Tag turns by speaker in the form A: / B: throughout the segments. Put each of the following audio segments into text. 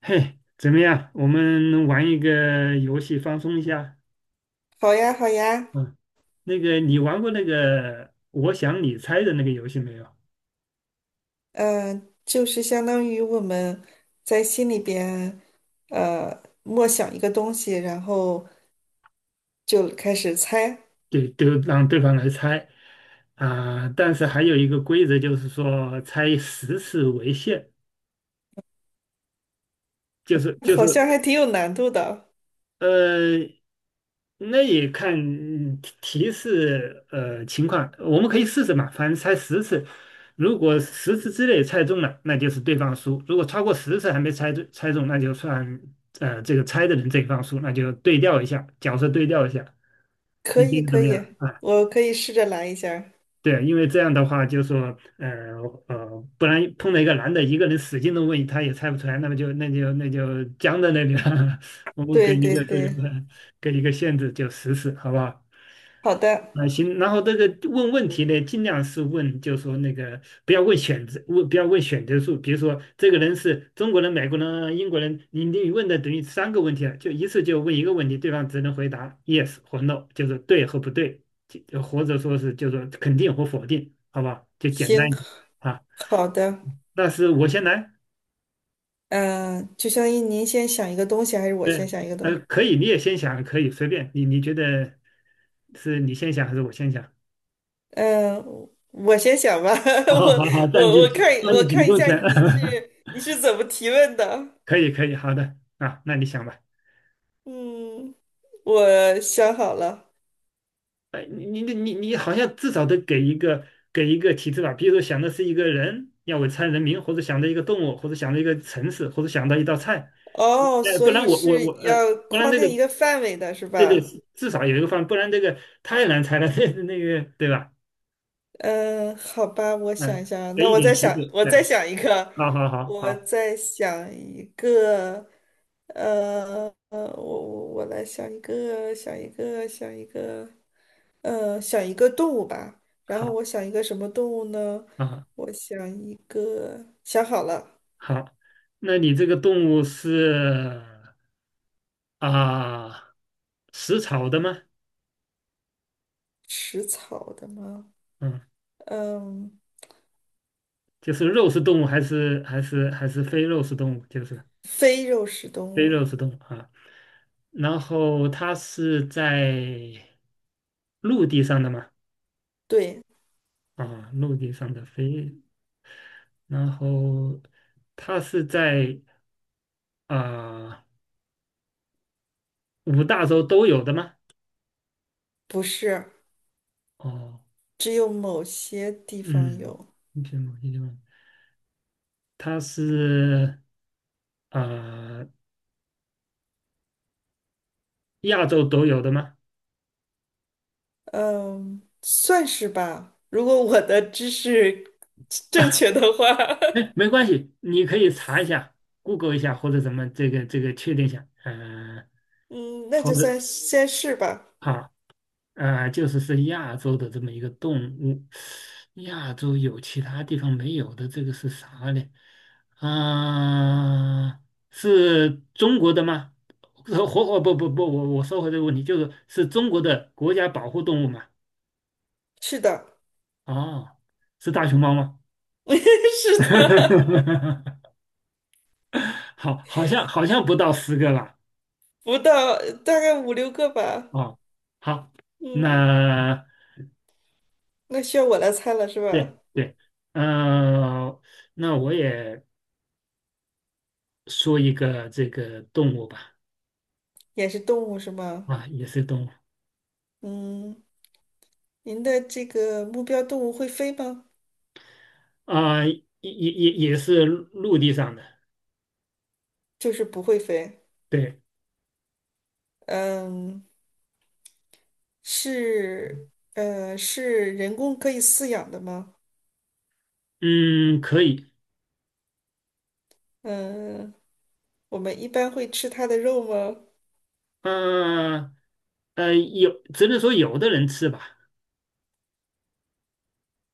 A: 嘿，怎么样？我们玩一个游戏放松一下。
B: 好呀，好呀。
A: 嗯，那个你玩过那个"我想你猜"的那个游戏没有？
B: 嗯、就是相当于我们在心里边默想一个东西，然后就开始猜。
A: 对，都让对方来猜啊、但是还有一个规则，就是说猜十次为限，就是 就是
B: 好像还挺有难度的。
A: 呃，那也看提示情况，我们可以试试嘛，反正猜十次，如果十次之内猜中了，那就是对方输；如果超过十次还没猜中，那就算这个猜的人这一方输，那就对调一下，角色对调一下。
B: 可
A: 你觉
B: 以，
A: 得怎
B: 可
A: 么样？
B: 以，
A: 啊？
B: 我可以试着来一下儿。
A: 对，因为这样的话，就说，不然碰到一个男的，一个人使劲的问，他也猜不出来，那么就僵在那里了。我们
B: 对，对，对。
A: 给一个限制，就实施，好不好？
B: 好的。
A: 啊，行。然后这个问问题呢，尽量是问，就是说那个不要问选择，不要问选择数。比如说，这个人是中国人、美国人、英国人，你问的等于三个问题了，就一次就问一个问题，对方只能回答 yes 或 no,就是对和不对。或者说是就说肯定和否定，好吧，就简单
B: 行。
A: 一点啊。
B: 好的。
A: 那是我先来，
B: 嗯、就相当于您先想一个东西，还是我
A: 对，
B: 先想一个东西？
A: 可以，你也先想，可以随便，你觉得是你先想还是我先想？
B: 嗯、我先想吧，
A: 好
B: 我
A: 好好好，占据
B: 我我看
A: 占据
B: 我看
A: 主
B: 一
A: 动
B: 下
A: 权。
B: 你是怎么提问的。
A: 可以可以，好的啊，那你想吧。
B: 嗯，我想好了。
A: 哎，你好像至少得给一个提示吧，比如说想的是一个人，要为猜人名，或者想到一个动物，或者想到一个城市，或者想到一道菜。
B: 哦，所
A: 不然
B: 以
A: 我我
B: 是
A: 我
B: 要
A: 不然
B: 框
A: 那个。
B: 定一个范围的，是
A: 对对，
B: 吧？
A: 至少有一个方，不然这个太难猜了。这那个对吧？
B: 嗯，好吧，我想
A: 嗯，
B: 一下啊，
A: 给
B: 那
A: 一
B: 我
A: 点
B: 再
A: 提
B: 想，
A: 示，
B: 我再
A: 哎，
B: 想一个，
A: 好好好
B: 我
A: 好
B: 再想一个，呃，呃，我我我来想一个，想一个，想一个，呃，想一个动物吧。然后我
A: 好
B: 想一个什么动物呢？
A: 好好，
B: 我想一个，想好了。
A: 好，那你这个动物是啊食草的吗？
B: 食草的吗？
A: 嗯，
B: 嗯，
A: 就是肉食动物还是非肉食动物？就是
B: 非肉食动
A: 非
B: 物啊。
A: 肉食动物啊。然后它是在陆地上的嘛？
B: 对。
A: 啊，陆地上的飞，然后它是在。啊、五大洲都有的吗？
B: 不是，
A: 哦，
B: 只有某些地方
A: 嗯，
B: 有。
A: 英它是啊、呃亚洲都有的吗？
B: 嗯，算是吧。如果我的知识正确 的话，
A: 哎，没关系，你可以查一下，Google 一下或者什么这个确定一下，
B: 嗯，那
A: 或
B: 就
A: 者
B: 算先是吧。
A: 好。就是是亚洲的这么一个动物，亚洲有其他地方没有的，这个是啥呢？啊、是中国的吗？呃活活不不不，我收回这个问题，就是是中国的国家保护动物嘛？
B: 是的。
A: 哦，是大熊猫吗？
B: 是的。
A: 好，好像不到10个吧？
B: 不到，大概五六个吧。
A: 哦，好，
B: 嗯。
A: 那
B: 那需要我来猜了是
A: 对
B: 吧？
A: 对，呃，那我也。说一个这个动物吧，
B: 也是动物是吗？
A: 啊，也是动物
B: 嗯，您的这个目标动物会飞吗？
A: 啊，也是陆地上的，
B: 就是不会飞。
A: 对，
B: 嗯。是是人工可以饲养的吗？
A: 嗯，可以，
B: 嗯、我们一般会吃它的肉吗？
A: 嗯有只能说有的人吃吧。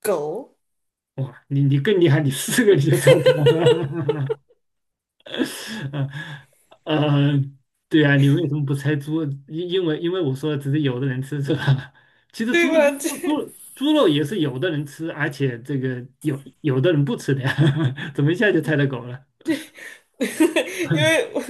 B: 狗。
A: 哇，你更厉害，你四个你就猜到了。呃，对啊，你为什么不猜猪？因为我说只是有的人吃是吧？其实
B: 对
A: 猪猪
B: 吧？这
A: 猪猪肉也是有的人吃，而且这个有的人不吃的呀。怎么一下就猜到狗了？
B: 因 为我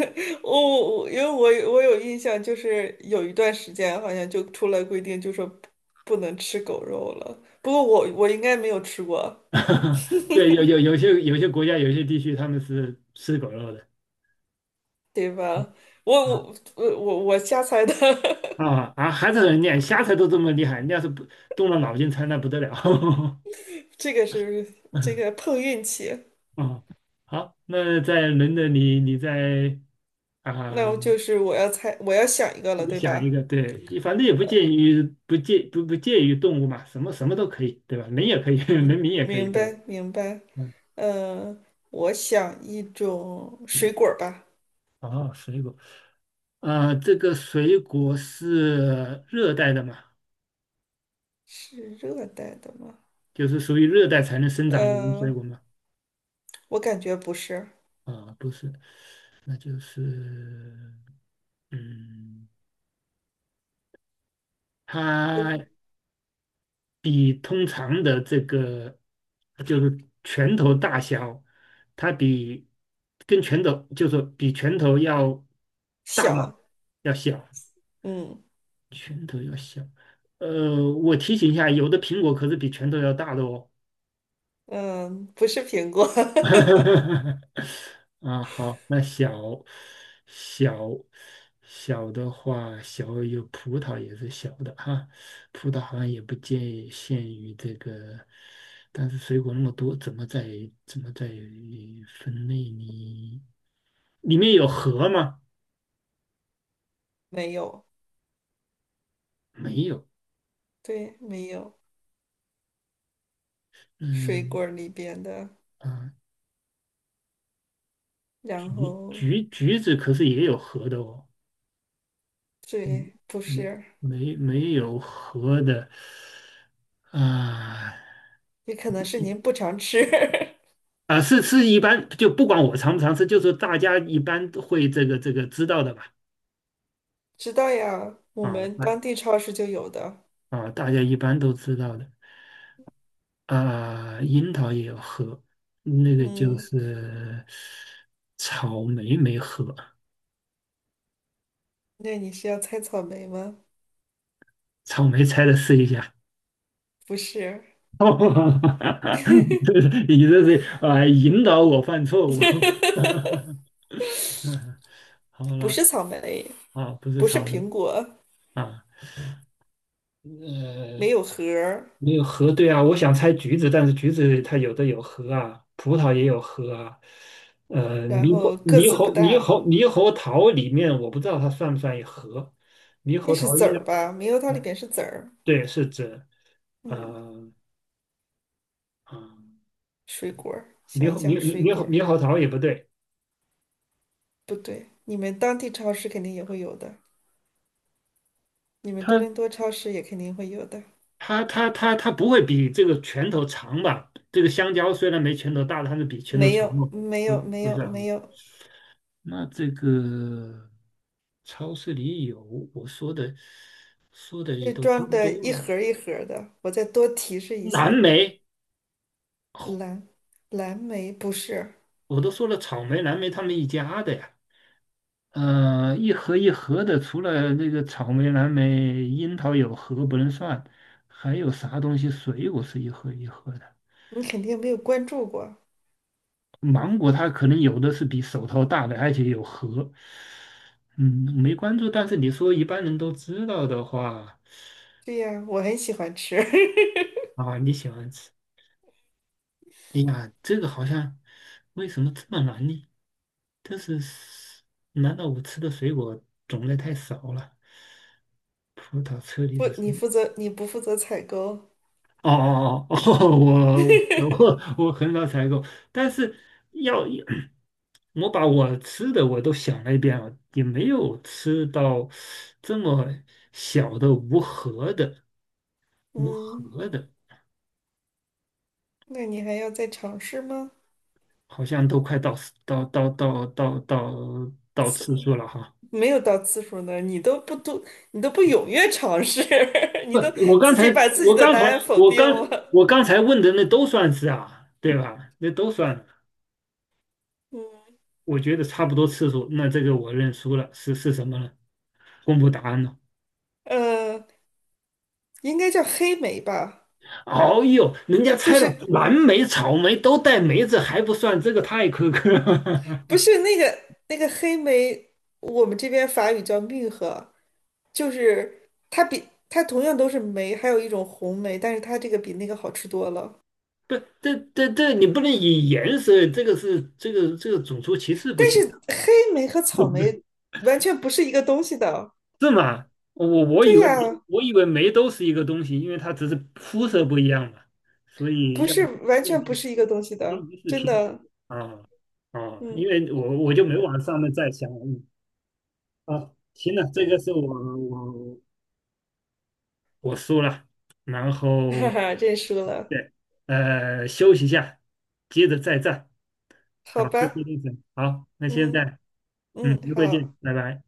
B: 我我因为我有印象，就是有一段时间好像就出来规定，就说不能吃狗肉了。不过我我应该没有吃过。
A: 对，有些国家有些地区他们是吃狗肉的
B: 对吧？我我
A: 啊
B: 我我我瞎猜的。
A: 啊啊！还是人家瞎猜都这么厉害，你要是不动了脑筋猜那不得了。
B: 这个是，这个 碰运气。
A: 啊，好，那在轮的你，你在
B: 那
A: 啊，
B: 我就是我要猜，我要想一个了，
A: 你
B: 对
A: 想一
B: 吧？
A: 个。对，反正也不介于动物嘛，什么什么都可以，对吧？人也可以，人民也可以，
B: 明
A: 对
B: 白
A: 吧？
B: 明白。
A: 嗯，
B: 嗯，我想一种水果儿吧。
A: 哦，水果，啊，这个水果是热带的嘛，
B: 是热带的吗？
A: 就是属于热带才能生长的一种水
B: 呃，
A: 果嘛。
B: 我感觉不是。
A: 啊，不是，那就是，嗯，
B: 就是
A: 它比通常的这个就是拳头大小，它比跟拳头就是比拳头要大吗？
B: 小。
A: 要小，
B: 嗯
A: 拳头要小。我提醒一下，有的苹果可是比拳头要大的哦。
B: 嗯，不是苹果。
A: 啊，好，那小小的话，小有葡萄也是小的哈，葡萄好像也不界限于这个，但是水果那么多，怎么在分类呢？里面有核吗？
B: 没有。
A: 没有。
B: 对，没有水
A: 嗯
B: 果儿里边的。
A: 啊，
B: 然
A: 橘
B: 后
A: 橘橘子可是也有核的哦。嗯，
B: 对，不
A: 没
B: 是。
A: 没有核的啊。
B: 也可能是您不常吃。
A: 啊，是一般就不管我尝不尝试，就是大家一般都会这个知道的吧？
B: 知道呀，我
A: 啊，
B: 们当地超市就有的。
A: 大家一般都知道的啊。樱桃也有核，那个就
B: 嗯，
A: 是草莓没核，
B: 那你是要猜草莓吗？
A: 草莓拆了试一下。
B: 不是。
A: 你这是引导我犯错误。好
B: 不
A: 了
B: 是草莓，
A: 啊，不是
B: 不是
A: 草莓
B: 苹果，
A: 啊，呃，
B: 没有核儿，
A: 没有核对啊，我想猜橘子，但是橘子它有的有核啊，葡萄也有核啊。
B: 然
A: 猕猴
B: 后个
A: 猕
B: 子不
A: 猴猕
B: 大。
A: 猴猕猴桃里面我不知道它算不算一核。猕猴
B: 那是
A: 桃
B: 籽
A: 应
B: 儿
A: 该，
B: 吧？猕猴桃里
A: 呃
B: 边是籽儿。
A: 对，是指，
B: 嗯，
A: 呃，嗯，
B: 水果儿，想
A: 猕
B: 一
A: 猴猕
B: 想，
A: 猕
B: 水
A: 猕
B: 果
A: 猴
B: 儿。
A: 猕猴桃也不对。
B: 不对，你们当地超市肯定也会有的，你们多
A: 它
B: 伦多超市也肯定会有的。
A: 它不会比这个拳头长吧？这个香蕉虽然没拳头大，但是比拳头
B: 没
A: 长
B: 有，
A: 吗？
B: 没
A: 不
B: 有，没
A: 不是
B: 有，
A: 啊，
B: 没有。
A: 那这个。超市里有，我说的也
B: 这
A: 都差
B: 装
A: 不
B: 的
A: 多
B: 一
A: 了。
B: 盒儿一盒儿的。我再多提示一
A: 蓝
B: 些。
A: 莓，
B: 蓝蓝莓不是。
A: 我都说了，草莓、蓝莓他们一家的呀。一盒一盒的，除了那个草莓、蓝莓、樱桃有核不能算，还有啥东西？水果是一盒一盒的，
B: 你肯定没有关注过。
A: 芒果它可能有的是比手套大的，而且有核。嗯，没关注，但是你说一般人都知道的话，
B: 对呀，我很喜欢吃。
A: 啊，你喜欢吃。哎呀，这个好像为什么这么难呢？但是是，难道我吃的水果种类太少了？葡萄、车厘
B: 不，
A: 子是。
B: 你负责，你不负责采购。
A: 哦哦哦哦，我我 我很少采购，但是要 我把我吃的我都想了一遍了，也没有吃到这么小的无核的无
B: 嗯，
A: 核的，
B: 那你还要再尝试吗？
A: 好像都快到次
B: 次，
A: 数了哈。
B: 没有到次数呢，你都不踊跃尝试，
A: 不，
B: 你都
A: 我刚
B: 自
A: 才
B: 己把自己的答案否定了。
A: 我刚才问的那都算是啊，对吧？那都算，
B: 嗯。
A: 我觉得差不多次数。那这个我认输了，是什么呢？公布答案了。
B: 呃，应该叫黑莓吧？
A: 哦呦，人家
B: 就
A: 猜了
B: 是
A: 蓝莓、草莓都带梅子，还不算，这个太苛刻了。
B: 不是那个，那个黑莓，我们这边法语叫蜜合，就是它比它同样都是莓，还有一种红莓，但是它这个比那个好吃多了。
A: 不，这你不能以颜色，这个是这个种族歧视不
B: 但
A: 行
B: 是
A: 的。
B: 黑莓和草莓 完全不是一个东西的。
A: 是吗？我我以
B: 对
A: 为梅
B: 呀，
A: 我以为梅都是一个东西，因为它只是肤色不一样嘛，所以
B: 不
A: 要
B: 是，完
A: 要。
B: 全不是一个东西的，
A: 因就视
B: 真
A: 频，
B: 的。
A: 啊啊，
B: 嗯。
A: 因为我就没往上面再想了。行了，这个是我我输了，然
B: 哈
A: 后
B: 哈，认输了。
A: 对，休息一下，接着再战。好，
B: 好
A: 休息
B: 吧。
A: 一阵。好，那现
B: 嗯
A: 在
B: 嗯，
A: 一会见，
B: 好。
A: 拜拜。